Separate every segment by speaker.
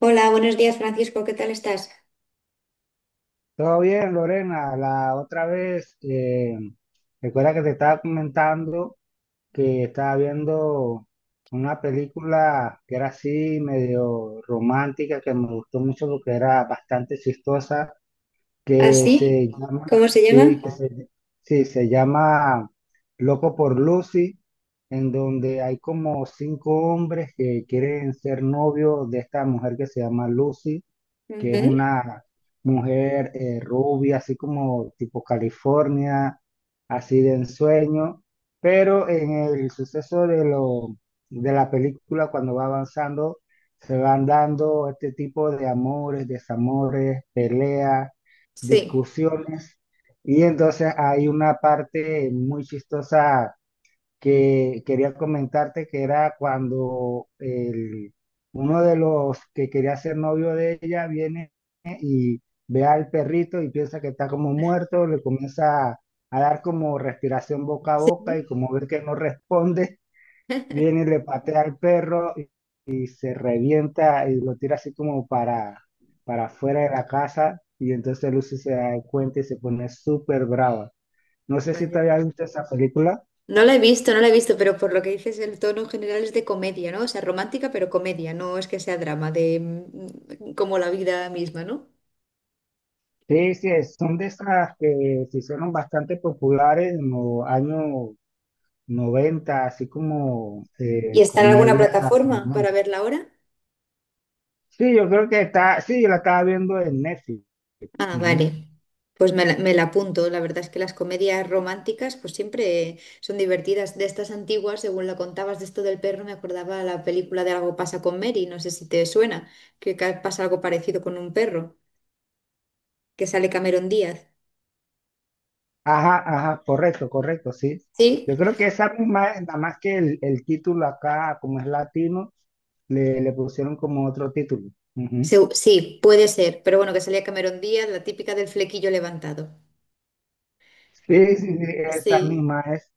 Speaker 1: Hola, buenos días Francisco, ¿qué tal estás?
Speaker 2: Todo bien, Lorena. La otra vez, recuerda que te estaba comentando que estaba viendo una película que era así medio romántica, que me gustó mucho porque era bastante chistosa, que
Speaker 1: ¿Así?
Speaker 2: se llama,
Speaker 1: ¿Cómo se
Speaker 2: sí,
Speaker 1: llama?
Speaker 2: sí, se llama Loco por Lucy, en donde hay como cinco hombres que quieren ser novios de esta mujer que se llama Lucy, que es
Speaker 1: Ujú.
Speaker 2: una mujer rubia, así como tipo California, así de ensueño, pero en el suceso de la película, cuando va avanzando, se van dando este tipo de amores, desamores, peleas,
Speaker 1: Sí,
Speaker 2: discusiones. Y entonces hay una parte muy chistosa que quería comentarte, que era cuando uno de los que quería ser novio de ella viene y ve al perrito y piensa que está como muerto, le comienza a dar como respiración boca a boca,
Speaker 1: sí.
Speaker 2: y como ve que no responde, viene y le patea al perro y se revienta y lo tira así como para afuera de la casa. Y entonces Lucy se da cuenta y se pone súper brava. No sé si te
Speaker 1: Vaya.
Speaker 2: había visto esa película.
Speaker 1: No la he visto, no la he visto, pero por lo que dices, el tono general es de comedia, ¿no? O sea, romántica, pero comedia, no es que sea drama, como la vida misma, ¿no?
Speaker 2: Sí, sí, son de esas que se hicieron bastante populares en los años 90, así como
Speaker 1: ¿Y está en alguna
Speaker 2: comedias
Speaker 1: plataforma para
Speaker 2: románticas.
Speaker 1: verla ahora?
Speaker 2: Sí, yo creo que está, sí, yo la estaba viendo en Netflix.
Speaker 1: Ah,
Speaker 2: Ujú.
Speaker 1: vale. Pues me la apunto. La verdad es que las comedias románticas pues siempre son divertidas. De estas antiguas, según lo contabas de esto del perro, me acordaba la película de Algo pasa con Mary. No sé si te suena, pasa algo parecido con un perro, que sale Cameron Díaz.
Speaker 2: Ajá, ajá, correcto, correcto, sí.
Speaker 1: Sí,
Speaker 2: Yo creo que esa misma es, nada más que el título acá, como es latino, le pusieron como otro título. Ujú.
Speaker 1: Sí, puede ser. Pero bueno, que salía Cameron Díaz, la típica del flequillo levantado.
Speaker 2: Sí, sí, sí, esa
Speaker 1: Sí,
Speaker 2: misma es.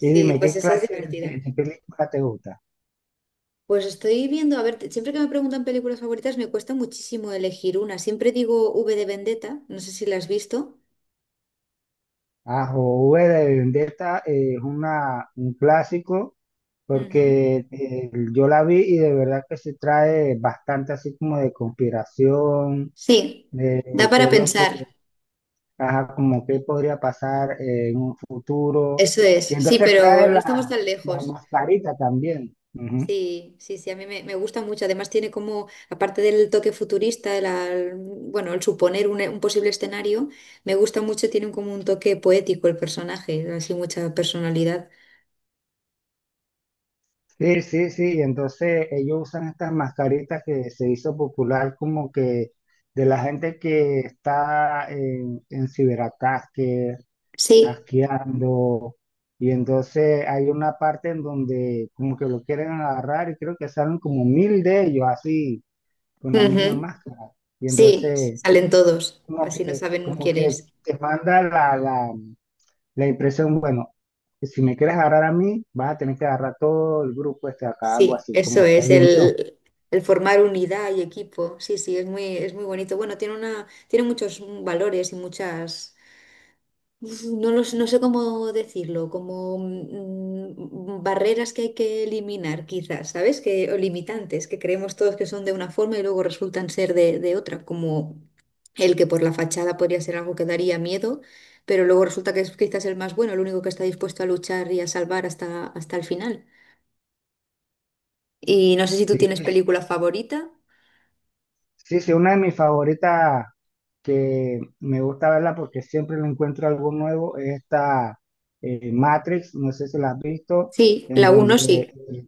Speaker 2: Y dime,
Speaker 1: pues
Speaker 2: ¿qué
Speaker 1: esa es
Speaker 2: clase
Speaker 1: divertida.
Speaker 2: de película te gusta?
Speaker 1: Pues estoy viendo, a ver, siempre que me preguntan películas favoritas me cuesta muchísimo elegir una. Siempre digo V de Vendetta, no sé si la has visto.
Speaker 2: Ah, O V de Vendetta, es un clásico,
Speaker 1: Ujú.
Speaker 2: porque yo la vi y de verdad que se trae bastante así como de conspiración,
Speaker 1: Sí, da
Speaker 2: de qué
Speaker 1: para
Speaker 2: es lo que,
Speaker 1: pensar,
Speaker 2: ajá, como qué podría pasar en un futuro.
Speaker 1: eso
Speaker 2: Y
Speaker 1: es. Sí,
Speaker 2: entonces trae
Speaker 1: pero no estamos
Speaker 2: la,
Speaker 1: tan
Speaker 2: la
Speaker 1: lejos.
Speaker 2: mascarita también. Ujú.
Speaker 1: Sí, sí, sí, a mí me gusta mucho. Además tiene como, aparte del toque futurista, bueno, el suponer un posible escenario, me gusta mucho, tiene como un toque poético el personaje, así mucha personalidad.
Speaker 2: Sí, sí, sí. Entonces ellos usan estas mascaritas, que se hizo popular como que de la gente que está en ciberataques
Speaker 1: Sí,
Speaker 2: asqueando. Y entonces hay una parte en donde como que lo quieren agarrar, y creo que salen como mil de ellos así, con la misma
Speaker 1: ujú.
Speaker 2: máscara. Y
Speaker 1: Sí,
Speaker 2: entonces
Speaker 1: salen todos, así no saben
Speaker 2: como
Speaker 1: quién es.
Speaker 2: que te manda la impresión, bueno, si me quieres agarrar a mí, vas a tener que agarrar todo el grupo este acá, algo
Speaker 1: Sí,
Speaker 2: así,
Speaker 1: eso
Speaker 2: como que
Speaker 1: es,
Speaker 2: hay unión.
Speaker 1: el formar unidad y equipo. Sí, sí, es muy bonito. Bueno, tiene una, tiene muchos valores y muchas, uf, no los, no sé cómo decirlo, como barreras que hay que eliminar, quizás, ¿sabes? Que, o limitantes, que creemos todos que son de una forma y luego resultan ser de otra, como el que por la fachada podría ser algo que daría miedo, pero luego resulta que es quizás el más bueno, el único que está dispuesto a luchar y a salvar hasta, hasta el final. Y no sé si tú
Speaker 2: ¿Sí?
Speaker 1: tienes película favorita.
Speaker 2: Sí, sí, una de mis favoritas, que me gusta verla porque siempre le encuentro algo nuevo, es esta Matrix, no sé si la has visto,
Speaker 1: Sí,
Speaker 2: en
Speaker 1: la
Speaker 2: donde
Speaker 1: uno sí.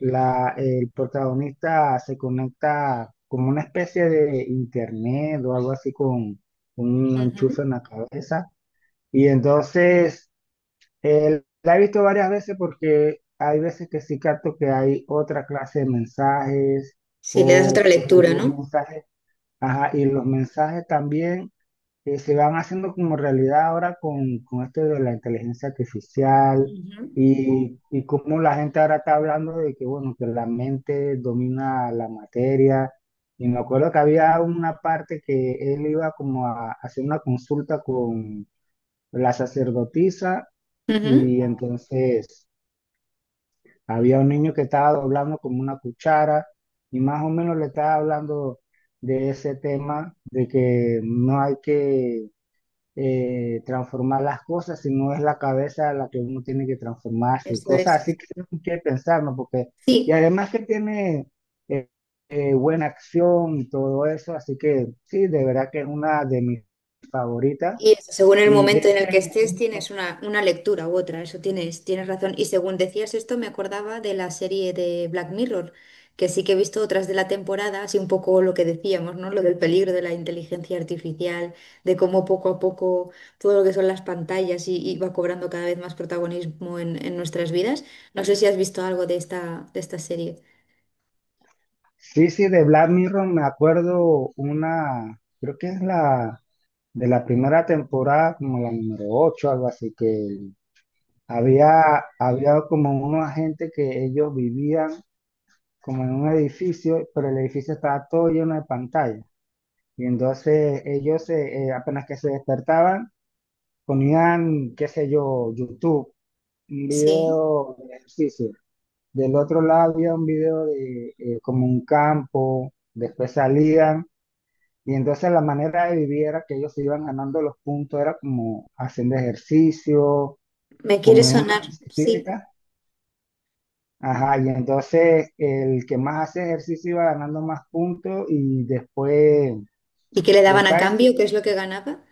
Speaker 2: el protagonista se conecta como una especie de internet o algo así con un enchufe
Speaker 1: Ujú.
Speaker 2: en la cabeza. Y entonces la he visto varias veces porque hay veces que sí capto que hay otra clase de mensajes
Speaker 1: ¿Si le das otra
Speaker 2: o pues,
Speaker 1: lectura,
Speaker 2: los
Speaker 1: no?
Speaker 2: mensajes, ajá, y los mensajes también se van haciendo como realidad ahora con esto de la inteligencia artificial,
Speaker 1: Ujú.
Speaker 2: y cómo la gente ahora está hablando de que, bueno, que la mente domina la materia. Y me acuerdo que había una parte que él iba como a hacer una consulta con la sacerdotisa,
Speaker 1: Ujú.
Speaker 2: y entonces había un niño que estaba doblando como una cuchara y más o menos le estaba hablando de ese tema, de que no hay que transformar las cosas, sino es la cabeza la que uno tiene que transformarse, y
Speaker 1: Eso es.
Speaker 2: cosas así que hay que pensar, ¿no? Porque, y
Speaker 1: Sí.
Speaker 2: además que tiene eh, buena acción y todo eso, así que sí, de verdad que es una de mis favoritas.
Speaker 1: Y eso, según el
Speaker 2: Y de
Speaker 1: momento en el que
Speaker 2: ese,
Speaker 1: estés, tienes una lectura u otra, eso tienes, tienes razón. Y según decías esto, me acordaba de la serie de Black Mirror, que sí que he visto otras de la temporada, así un poco lo que decíamos, ¿no? Lo del peligro de la inteligencia artificial, de cómo poco a poco todo lo que son las pantallas y va cobrando cada vez más protagonismo en nuestras vidas. No sé si has visto algo de esta serie.
Speaker 2: sí, sí, de Black Mirror me acuerdo una, creo que es de la primera temporada, como la número 8 algo así, que había como unos agentes que ellos vivían como en un edificio, pero el edificio estaba todo lleno de pantallas. Y entonces ellos apenas que se despertaban, ponían, qué sé yo, YouTube, un
Speaker 1: Sí,
Speaker 2: video de ejercicio. Del otro lado había un video de como un campo, después salían. Y entonces la manera de vivir era que ellos se iban ganando los puntos, era como haciendo ejercicio,
Speaker 1: me quiere
Speaker 2: comer una
Speaker 1: sonar, sí.
Speaker 2: bicicleta. Ajá, y entonces el que más hace ejercicio iba ganando más puntos y después,
Speaker 1: ¿Y qué le daban a
Speaker 2: después
Speaker 1: cambio? ¿Qué
Speaker 2: sí,
Speaker 1: es lo que ganaba?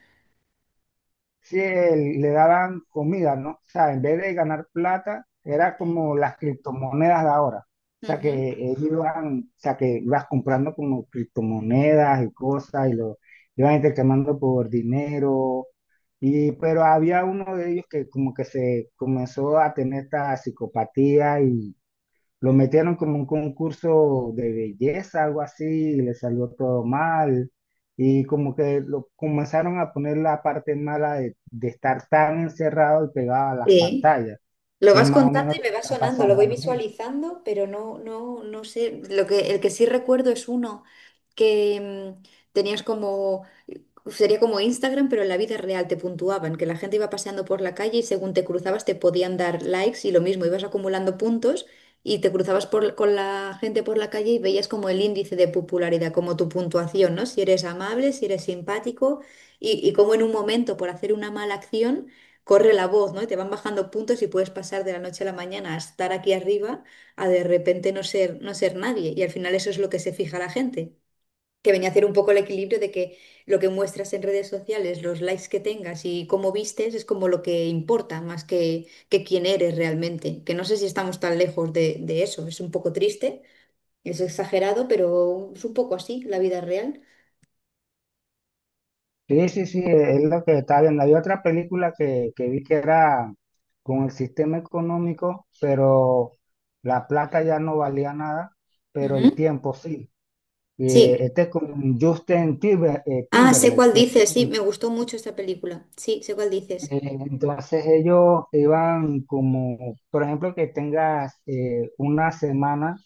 Speaker 2: sí, le daban comida, ¿no? O sea, en vez de ganar plata, era
Speaker 1: Sí.
Speaker 2: como las criptomonedas de ahora. O sea,
Speaker 1: Ujú.
Speaker 2: que ellos iban, o sea, que ibas comprando como criptomonedas y cosas y lo iban intercambiando por dinero. Y pero había uno de ellos que como que se comenzó a tener esta psicopatía y lo metieron como un concurso de belleza, algo así, y le salió todo mal. Y como que lo comenzaron a poner la parte mala de estar tan encerrado y pegado a las
Speaker 1: Sí.
Speaker 2: pantallas,
Speaker 1: Lo
Speaker 2: que es
Speaker 1: vas
Speaker 2: más o
Speaker 1: contando
Speaker 2: menos
Speaker 1: y
Speaker 2: lo
Speaker 1: me
Speaker 2: que
Speaker 1: va
Speaker 2: está
Speaker 1: sonando, lo
Speaker 2: pasando
Speaker 1: voy
Speaker 2: ahora mismo.
Speaker 1: visualizando, pero no, no, no sé. Lo que, el que sí recuerdo es uno que tenías como sería como Instagram, pero en la vida real te puntuaban, que la gente iba paseando por la calle y según te cruzabas te podían dar likes y lo mismo, ibas acumulando puntos y te cruzabas con la gente por la calle y veías como el índice de popularidad, como tu puntuación, ¿no? Si eres amable, si eres simpático y como en un momento por hacer una mala acción corre la voz, ¿no? Y te van bajando puntos y puedes pasar de la noche a la mañana a estar aquí arriba a de repente no ser, no ser nadie y al final eso es lo que se fija la gente que venía a hacer un poco el equilibrio de que lo que muestras en redes sociales, los likes que tengas y cómo vistes es como lo que importa más que quién eres realmente. Que no sé si estamos tan lejos de eso. Es un poco triste, es exagerado, pero es un poco así la vida real.
Speaker 2: Sí, sí, sí, es lo que está viendo. Hay otra película que vi que era con el sistema económico, pero la plata ya no valía nada, pero el
Speaker 1: Ujú.
Speaker 2: tiempo sí.
Speaker 1: Sí.
Speaker 2: Este es con Justin
Speaker 1: Ah, sé
Speaker 2: Timberlake,
Speaker 1: cuál
Speaker 2: que
Speaker 1: dices. Sí,
Speaker 2: es.
Speaker 1: me gustó mucho esta película. Sí, sé cuál dices.
Speaker 2: Eh, Entonces ellos iban como, por ejemplo, que tengas una semana,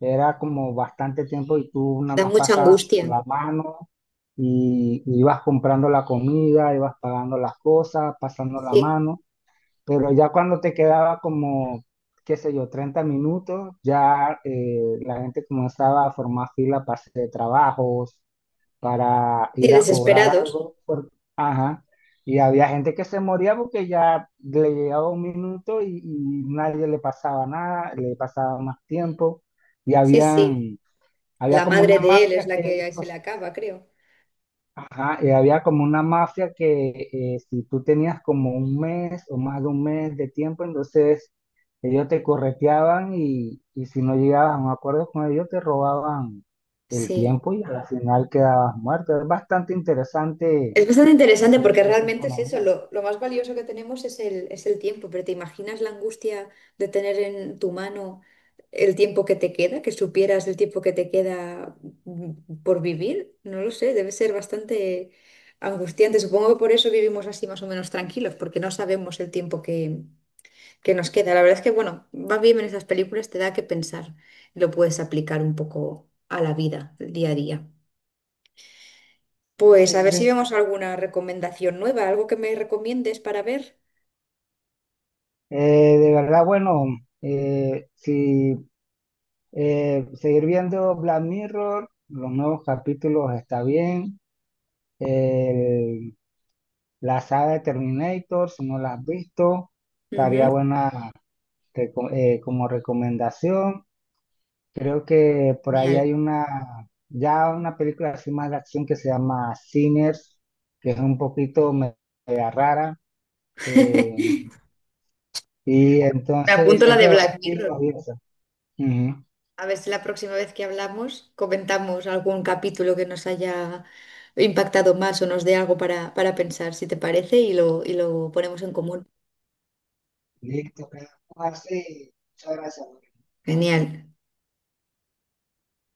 Speaker 2: era como bastante tiempo, y tú nada
Speaker 1: Da
Speaker 2: más
Speaker 1: mucha
Speaker 2: pasabas con
Speaker 1: angustia.
Speaker 2: la mano y ibas comprando la comida, ibas pagando las cosas, pasando la
Speaker 1: Sí.
Speaker 2: mano, pero ya cuando te quedaba como, qué sé yo, 30 minutos, ya la gente comenzaba a formar fila para hacer trabajos, para
Speaker 1: Sí,
Speaker 2: ir a cobrar
Speaker 1: desesperados.
Speaker 2: algo. Ajá. Y había gente que se moría porque ya le llegaba un minuto, y nadie le pasaba nada, le pasaba más tiempo. Y
Speaker 1: Sí, sí.
Speaker 2: habían, había
Speaker 1: La
Speaker 2: como
Speaker 1: madre
Speaker 2: una
Speaker 1: de él es
Speaker 2: mafia
Speaker 1: la
Speaker 2: que ellos,
Speaker 1: que se le acaba, creo.
Speaker 2: ajá, y había como una mafia que si tú tenías como un mes o más de un mes de tiempo, entonces ellos te correteaban, y si no llegabas a un acuerdo con ellos, te robaban el
Speaker 1: Sí.
Speaker 2: tiempo y al final quedabas muerto. Es bastante interesante
Speaker 1: Es bastante interesante porque
Speaker 2: esa
Speaker 1: realmente es eso,
Speaker 2: economía.
Speaker 1: lo más valioso que tenemos es el tiempo, pero ¿te imaginas la angustia de tener en tu mano el tiempo que te queda, que supieras el tiempo que te queda por vivir? No lo sé, debe ser bastante angustiante. Supongo que por eso vivimos así más o menos tranquilos, porque no sabemos el tiempo que nos queda. La verdad es que, bueno, va bien en esas películas, te da que pensar, lo puedes aplicar un poco a la vida, el día a día.
Speaker 2: Sí,
Speaker 1: Pues
Speaker 2: sí,
Speaker 1: a
Speaker 2: sí.
Speaker 1: ver si
Speaker 2: Sí.
Speaker 1: vemos alguna recomendación nueva, algo que me recomiendes para ver.
Speaker 2: Eh, de verdad, bueno, si seguir viendo Black Mirror, los nuevos capítulos está bien. El La saga de Terminator, si no la has visto, estaría
Speaker 1: Ujú.
Speaker 2: buena como recomendación. Creo que por ahí
Speaker 1: Genial.
Speaker 2: hay ya una película así más de acción que se llama Sinners, que es un poquito media rara. eh, y
Speaker 1: Me
Speaker 2: entonces
Speaker 1: apunto la
Speaker 2: es
Speaker 1: de
Speaker 2: de
Speaker 1: Black Mirror.
Speaker 2: vampiros y eso. Ujú.
Speaker 1: A ver si la próxima vez que hablamos comentamos algún capítulo que nos haya impactado más o nos dé algo para pensar, si te parece, y lo ponemos en común.
Speaker 2: Listo, quedamos así. Muchas gracias.
Speaker 1: Genial.